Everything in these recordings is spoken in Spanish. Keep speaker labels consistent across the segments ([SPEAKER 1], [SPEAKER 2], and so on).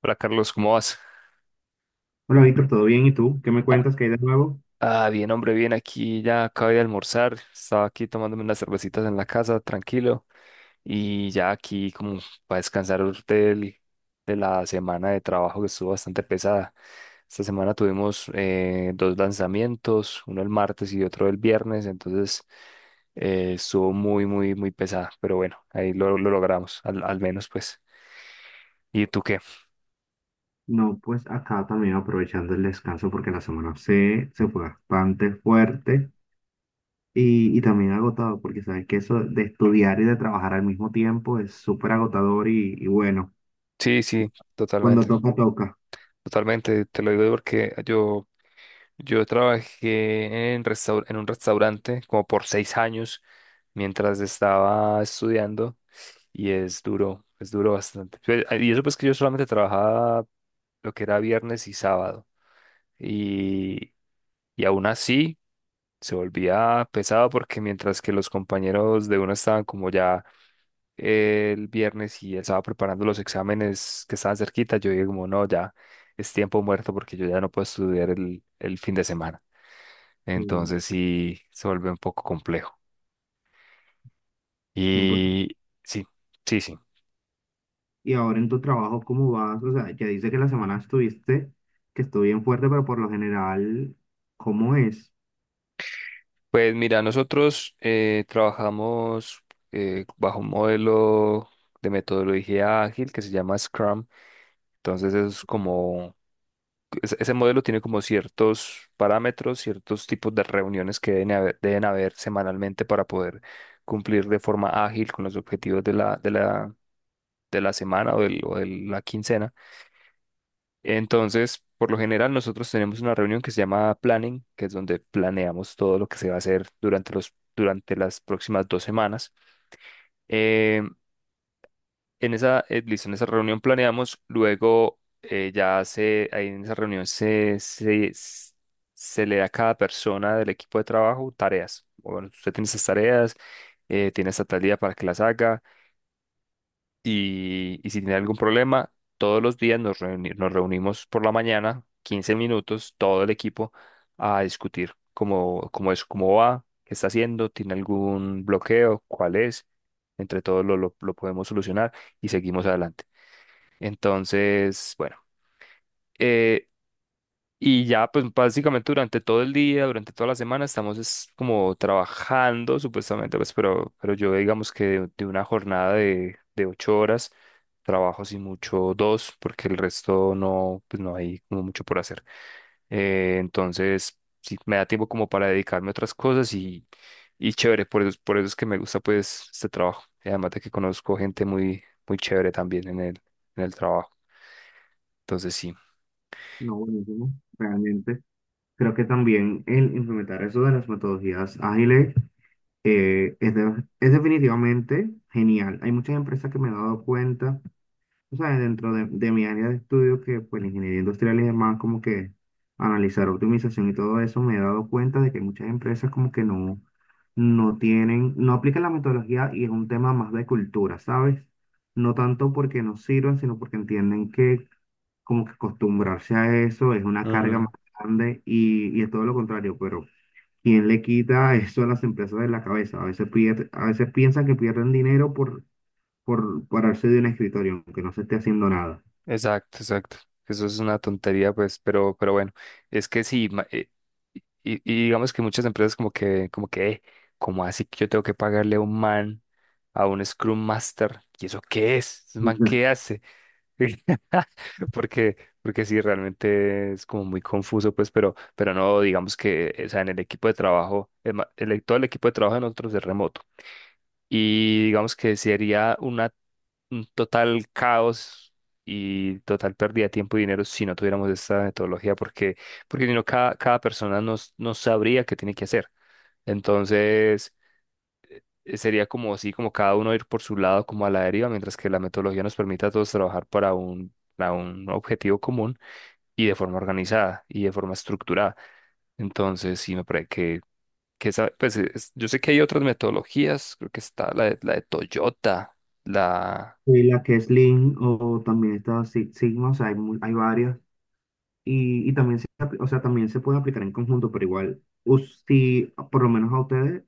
[SPEAKER 1] Hola Carlos, ¿cómo vas?
[SPEAKER 2] Hola Víctor, ¿todo bien? ¿Y tú? ¿Qué me cuentas? ¿Qué hay de nuevo?
[SPEAKER 1] Ah, bien, hombre, bien, aquí ya acabé de almorzar, estaba aquí tomándome unas cervecitas en la casa, tranquilo, y ya aquí como para descansar de la semana de trabajo que estuvo bastante pesada. Esta semana tuvimos dos lanzamientos, uno el martes y otro el viernes, entonces estuvo muy, muy, muy pesada, pero bueno, ahí lo logramos, al menos pues. ¿Y tú qué?
[SPEAKER 2] No, pues acá también aprovechando el descanso porque la semana se fue bastante fuerte y también agotado porque sabes que eso de estudiar y de trabajar al mismo tiempo es súper agotador y bueno,
[SPEAKER 1] Sí, sí,
[SPEAKER 2] cuando
[SPEAKER 1] totalmente,
[SPEAKER 2] toca, toca.
[SPEAKER 1] totalmente, te lo digo Yo trabajé en un restaurante como por 6 años mientras estaba estudiando y es duro bastante. Y eso pues que yo solamente trabajaba lo que era viernes y sábado y, y aún así se volvía pesado porque mientras que los compañeros de uno estaban como ya el viernes y estaba preparando los exámenes que estaban cerquita, yo dije como no, ya es tiempo muerto porque yo ya no puedo estudiar el fin de semana.
[SPEAKER 2] Sí,
[SPEAKER 1] Entonces sí se vuelve un poco complejo.
[SPEAKER 2] 100%.
[SPEAKER 1] Y sí, sí, sí.
[SPEAKER 2] Y ahora en tu trabajo, ¿cómo vas? O sea, ya dice que la semana estuviste, que estuvo bien fuerte, pero por lo general, ¿cómo es?
[SPEAKER 1] Pues mira, nosotros trabajamos bajo un modelo de metodología ágil que se llama Scrum. Entonces es como, ese modelo tiene como ciertos parámetros, ciertos tipos de reuniones que deben haber semanalmente para poder cumplir de forma ágil con los objetivos de la semana o de la quincena. Entonces, por lo general, nosotros tenemos una reunión que se llama planning, que es donde planeamos todo lo que se va a hacer durante las próximas 2 semanas. Eh, Listo, en esa reunión planeamos, luego ahí en esa reunión se le da a cada persona del equipo de trabajo tareas. Bueno, usted tiene esas tareas, tiene esta tal día para que las haga. Y si tiene algún problema, todos los días nos reunimos por la mañana, 15 minutos, todo el equipo, a discutir cómo es, cómo va, qué está haciendo, tiene algún bloqueo, cuál es. Entre todos lo podemos solucionar y seguimos adelante. Entonces, bueno, eh, y ya, pues básicamente durante todo el día, durante toda la semana, estamos es como trabajando supuestamente, pues, pero yo digamos que de una jornada de 8 horas, trabajo sin mucho dos, porque el resto no, pues no hay como mucho por hacer. Entonces, sí, me da tiempo como para dedicarme a otras cosas y chévere, por eso es que me gusta pues este trabajo. Y además de que conozco gente muy, muy chévere también en el trabajo. Entonces, sí.
[SPEAKER 2] No, buenísimo, realmente. Creo que también el implementar eso de las metodologías ágiles es definitivamente genial. Hay muchas empresas que me he dado cuenta, o sea, dentro de mi área de estudio, que pues la ingeniería industrial y demás, como que analizar optimización y todo eso, me he dado cuenta de que muchas empresas como que no, no tienen, no aplican la metodología y es un tema más de cultura, ¿sabes? No tanto porque no sirvan, sino porque entienden que como que acostumbrarse a eso es una carga más
[SPEAKER 1] Mm.
[SPEAKER 2] grande y es todo lo contrario, pero ¿quién le quita eso a las empresas de la cabeza? A veces piensan que pierden dinero por pararse de un escritorio, aunque no se esté haciendo nada.
[SPEAKER 1] Exacto, exacto. Eso es una tontería, pues, pero bueno, es que sí, y digamos que muchas empresas como que, ¿cómo así que yo tengo que pagarle a un Scrum Master? ¿Y eso qué es? ¿Un man
[SPEAKER 2] Ujú.
[SPEAKER 1] qué hace? Porque, porque sí, realmente es como muy confuso, pues, pero no, digamos que, o sea, en el equipo de trabajo, todo el equipo de trabajo de nosotros es remoto y digamos que sería un total caos y total pérdida de tiempo y dinero si no tuviéramos esta metodología, porque si no, cada persona no, no sabría qué tiene que hacer. Entonces, sería como así, como cada uno ir por su lado, como a la deriva, mientras que la metodología nos permite a todos trabajar para un objetivo común y de forma organizada y de forma estructurada. Entonces, sí, me parece que yo sé que hay otras metodologías, creo que está la de Toyota, la...
[SPEAKER 2] Y la que es Lean o también está Six Sigma, o sea, hay, hay varias. Y también o sea, también se puede aplicar en conjunto, pero igual, si por lo menos a ustedes,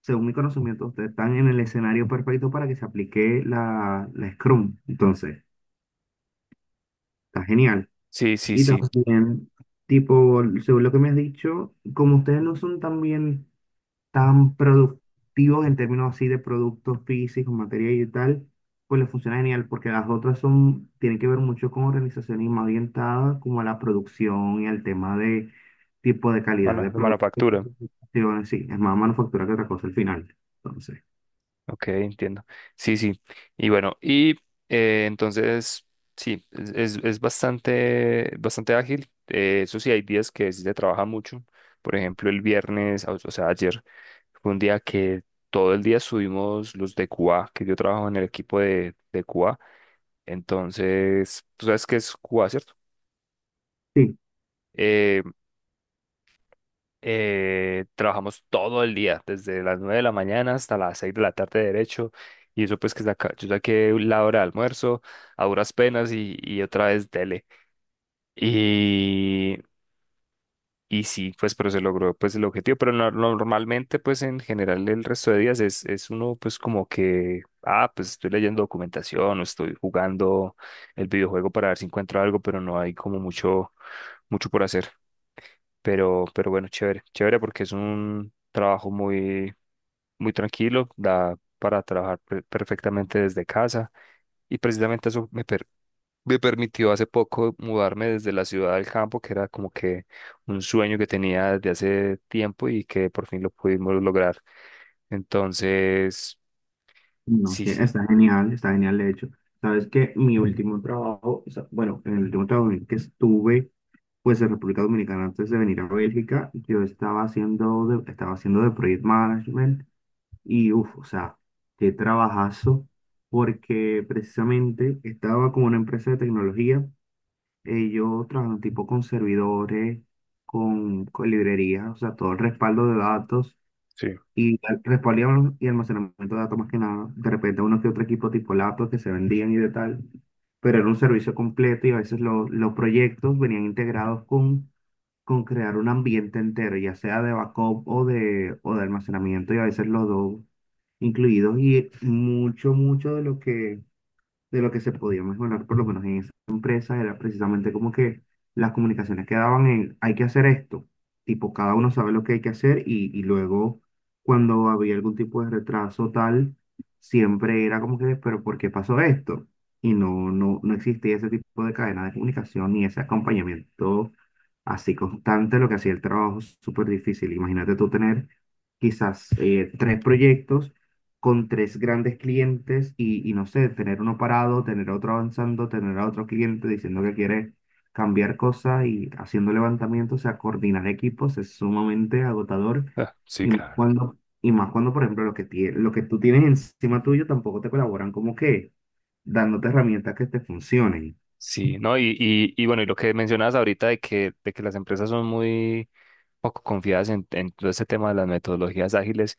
[SPEAKER 2] según mi conocimiento, ustedes están en el escenario perfecto para que se aplique la Scrum. Entonces, está genial.
[SPEAKER 1] Sí, sí,
[SPEAKER 2] Y
[SPEAKER 1] sí,
[SPEAKER 2] también, tipo, según lo que me has dicho, como ustedes no son también tan productivos en términos así de productos físicos, materia y tal, pues les funciona genial porque las otras son, tienen que ver mucho con organizaciones más orientadas como a la producción y al tema de tipo de calidad de productos.
[SPEAKER 1] manufactura,
[SPEAKER 2] Sí, bueno, sí, es más manufactura que otra cosa al final. Entonces.
[SPEAKER 1] ok, entiendo. Sí, sí, y bueno, entonces, sí, es bastante, bastante ágil, eso sí, hay días que sí se trabaja mucho, por ejemplo, el viernes, o sea, ayer fue un día que todo el día subimos los de QA, que yo trabajo en el equipo de QA, entonces, tú sabes qué es QA, ¿cierto?
[SPEAKER 2] Sí.
[SPEAKER 1] Eh, Trabajamos todo el día, desde las 9 de la mañana hasta las 6 de la tarde derecho. Y eso pues que saca, yo saqué la hora de almuerzo a duras penas y otra vez dele. Y, y sí, pues pero se logró pues el objetivo. Pero normalmente pues en general el resto de días es uno pues como que, ah, pues estoy leyendo documentación o estoy jugando el videojuego para ver si encuentro algo, pero no hay como mucho, mucho por hacer. Pero bueno, chévere, chévere porque es un trabajo muy, muy tranquilo, da para trabajar perfectamente desde casa y precisamente eso me permitió hace poco mudarme desde la ciudad al campo, que era como que un sueño que tenía desde hace tiempo y que por fin lo pudimos lograr. Entonces,
[SPEAKER 2] No,
[SPEAKER 1] sí,
[SPEAKER 2] sí,
[SPEAKER 1] sí,
[SPEAKER 2] está genial de hecho. Sabes que mi último trabajo, o sea, bueno, en el último trabajo en el que estuve, pues en República Dominicana antes de venir a Bélgica, yo estaba haciendo estaba haciendo de project management y uff, o sea, qué trabajazo, porque precisamente estaba con una empresa de tecnología, ellos trabajan tipo con servidores, con librerías, o sea, todo el respaldo de datos.
[SPEAKER 1] sí,
[SPEAKER 2] Respaldo y almacenamiento de datos más que nada. De repente uno que otro equipo tipo laptops que se vendían y de tal. Pero era un servicio completo y a veces los proyectos venían integrados con crear un ambiente entero, ya sea de backup o de almacenamiento y a veces los dos incluidos. Y mucho, mucho de lo que se podía mejorar, por lo menos en esa empresa, era precisamente como que las comunicaciones quedaban en, hay que hacer esto, tipo, cada uno sabe lo que hay que hacer y luego cuando había algún tipo de retraso tal, siempre era como que, pero ¿por qué pasó esto? Y no, no, no existía ese tipo de cadena de comunicación ni ese acompañamiento así constante, lo que hacía el trabajo súper difícil. Imagínate tú tener quizás tres proyectos con tres grandes clientes y no sé, tener uno parado, tener otro avanzando, tener a otro cliente diciendo que quiere cambiar cosas y haciendo levantamientos, o sea, coordinar equipos es sumamente agotador
[SPEAKER 1] ah, sí, claro.
[SPEAKER 2] y más cuando por ejemplo, lo que tú tienes encima tuyo tampoco te colaboran como que dándote herramientas que te funcionen.
[SPEAKER 1] Sí, ¿no? Y bueno, y lo que mencionabas ahorita de que las empresas son muy poco confiadas en todo este tema de las metodologías ágiles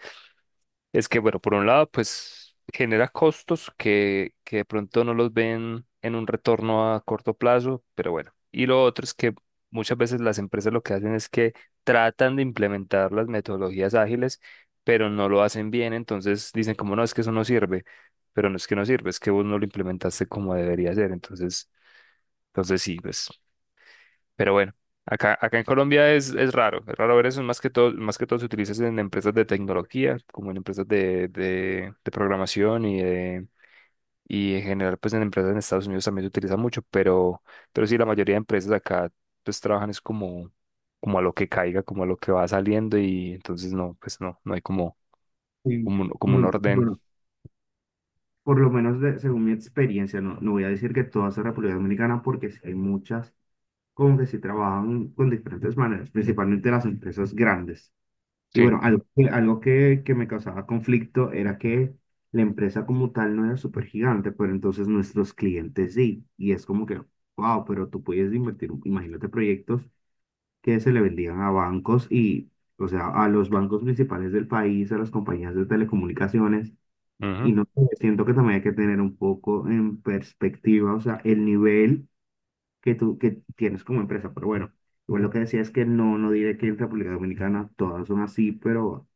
[SPEAKER 1] es que, bueno, por un lado, pues genera costos que de pronto no los ven en un retorno a corto plazo, pero bueno. Y lo otro es que muchas veces las empresas lo que hacen es que tratan de implementar las metodologías ágiles, pero no lo hacen bien, entonces dicen como no, es que eso no sirve, pero no es que no sirve, es que vos no lo implementaste como debería ser, entonces, sí, pues. Pero bueno, acá en Colombia es raro ver eso, más que todo se utiliza en empresas de tecnología, como en empresas de programación y en general pues en empresas en Estados Unidos también se utiliza mucho, pero sí la mayoría de empresas acá pues trabajan es como, a lo que caiga, como a lo que va saliendo y entonces no, pues no hay como,
[SPEAKER 2] Sí.
[SPEAKER 1] como
[SPEAKER 2] Me-
[SPEAKER 1] un orden.
[SPEAKER 2] bueno, por lo menos según mi experiencia, no, no voy a decir que todas en República Dominicana porque sí hay muchas como que sí trabajan con diferentes maneras, principalmente las empresas grandes. Y
[SPEAKER 1] Sí.
[SPEAKER 2] bueno, algo que me causaba conflicto era que la empresa como tal no era súper gigante, pero entonces nuestros clientes sí. Y es como que, wow, pero tú puedes invertir, imagínate proyectos que se le vendían a bancos y, o sea, a los bancos principales del país, a las compañías de telecomunicaciones. Y
[SPEAKER 1] Ujú.
[SPEAKER 2] no sé, siento que también hay que tener un poco en perspectiva, o sea, el nivel que tienes como empresa. Pero bueno, igual lo que decía es que no, no diré que en República Dominicana todas son así, pero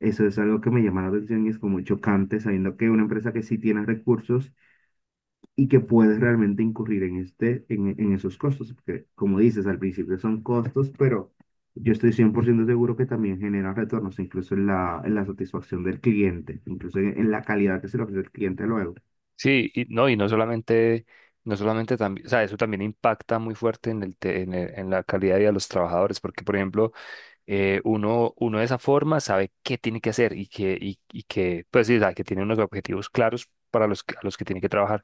[SPEAKER 2] eso es algo que me llama la atención y es como chocante sabiendo que una empresa que sí tiene recursos y que puedes realmente incurrir en, este, en esos costos, porque como dices, al principio son costos, pero... Yo estoy 100% seguro que también genera retornos, incluso en en la satisfacción del cliente, incluso en la calidad que se le ofrece al cliente luego.
[SPEAKER 1] Sí, y no, no solamente también, o sea, eso también impacta muy fuerte en el te- en el- en la calidad de vida de los trabajadores, porque por ejemplo, uno de esa forma sabe qué tiene que hacer y que, pues sí, o sea, que tiene unos objetivos claros a los que tiene que trabajar.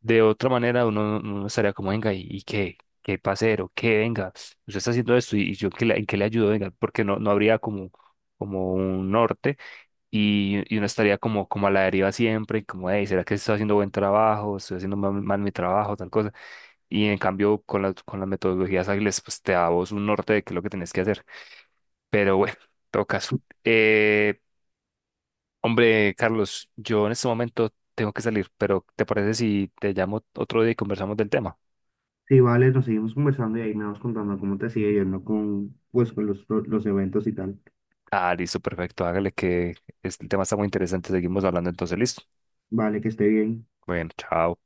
[SPEAKER 1] De otra manera, uno estaría como, venga, y qué, pasero, qué venga, usted está haciendo esto y yo ¿en qué le, ayudo, venga, porque no habría como, un norte y uno estaría como, como a la deriva siempre, y como, hey, ¿será que estoy haciendo buen trabajo? ¿Estoy haciendo mal, mal mi trabajo? Tal cosa. Y en cambio, con con las metodologías ágiles, pues te da a vos un norte de qué es lo que tenés que hacer. Pero bueno, en todo caso. Eh, Hombre, Carlos, yo en este momento tengo que salir, pero ¿te parece si te llamo otro día y conversamos del tema?
[SPEAKER 2] Sí, vale, nos seguimos conversando y ahí me vas contando cómo te sigue yendo con, pues, con los eventos y tal.
[SPEAKER 1] Ah, listo, perfecto. Hágale que este tema está muy interesante. Seguimos hablando entonces, listo.
[SPEAKER 2] Vale, que esté bien.
[SPEAKER 1] Bueno, chao.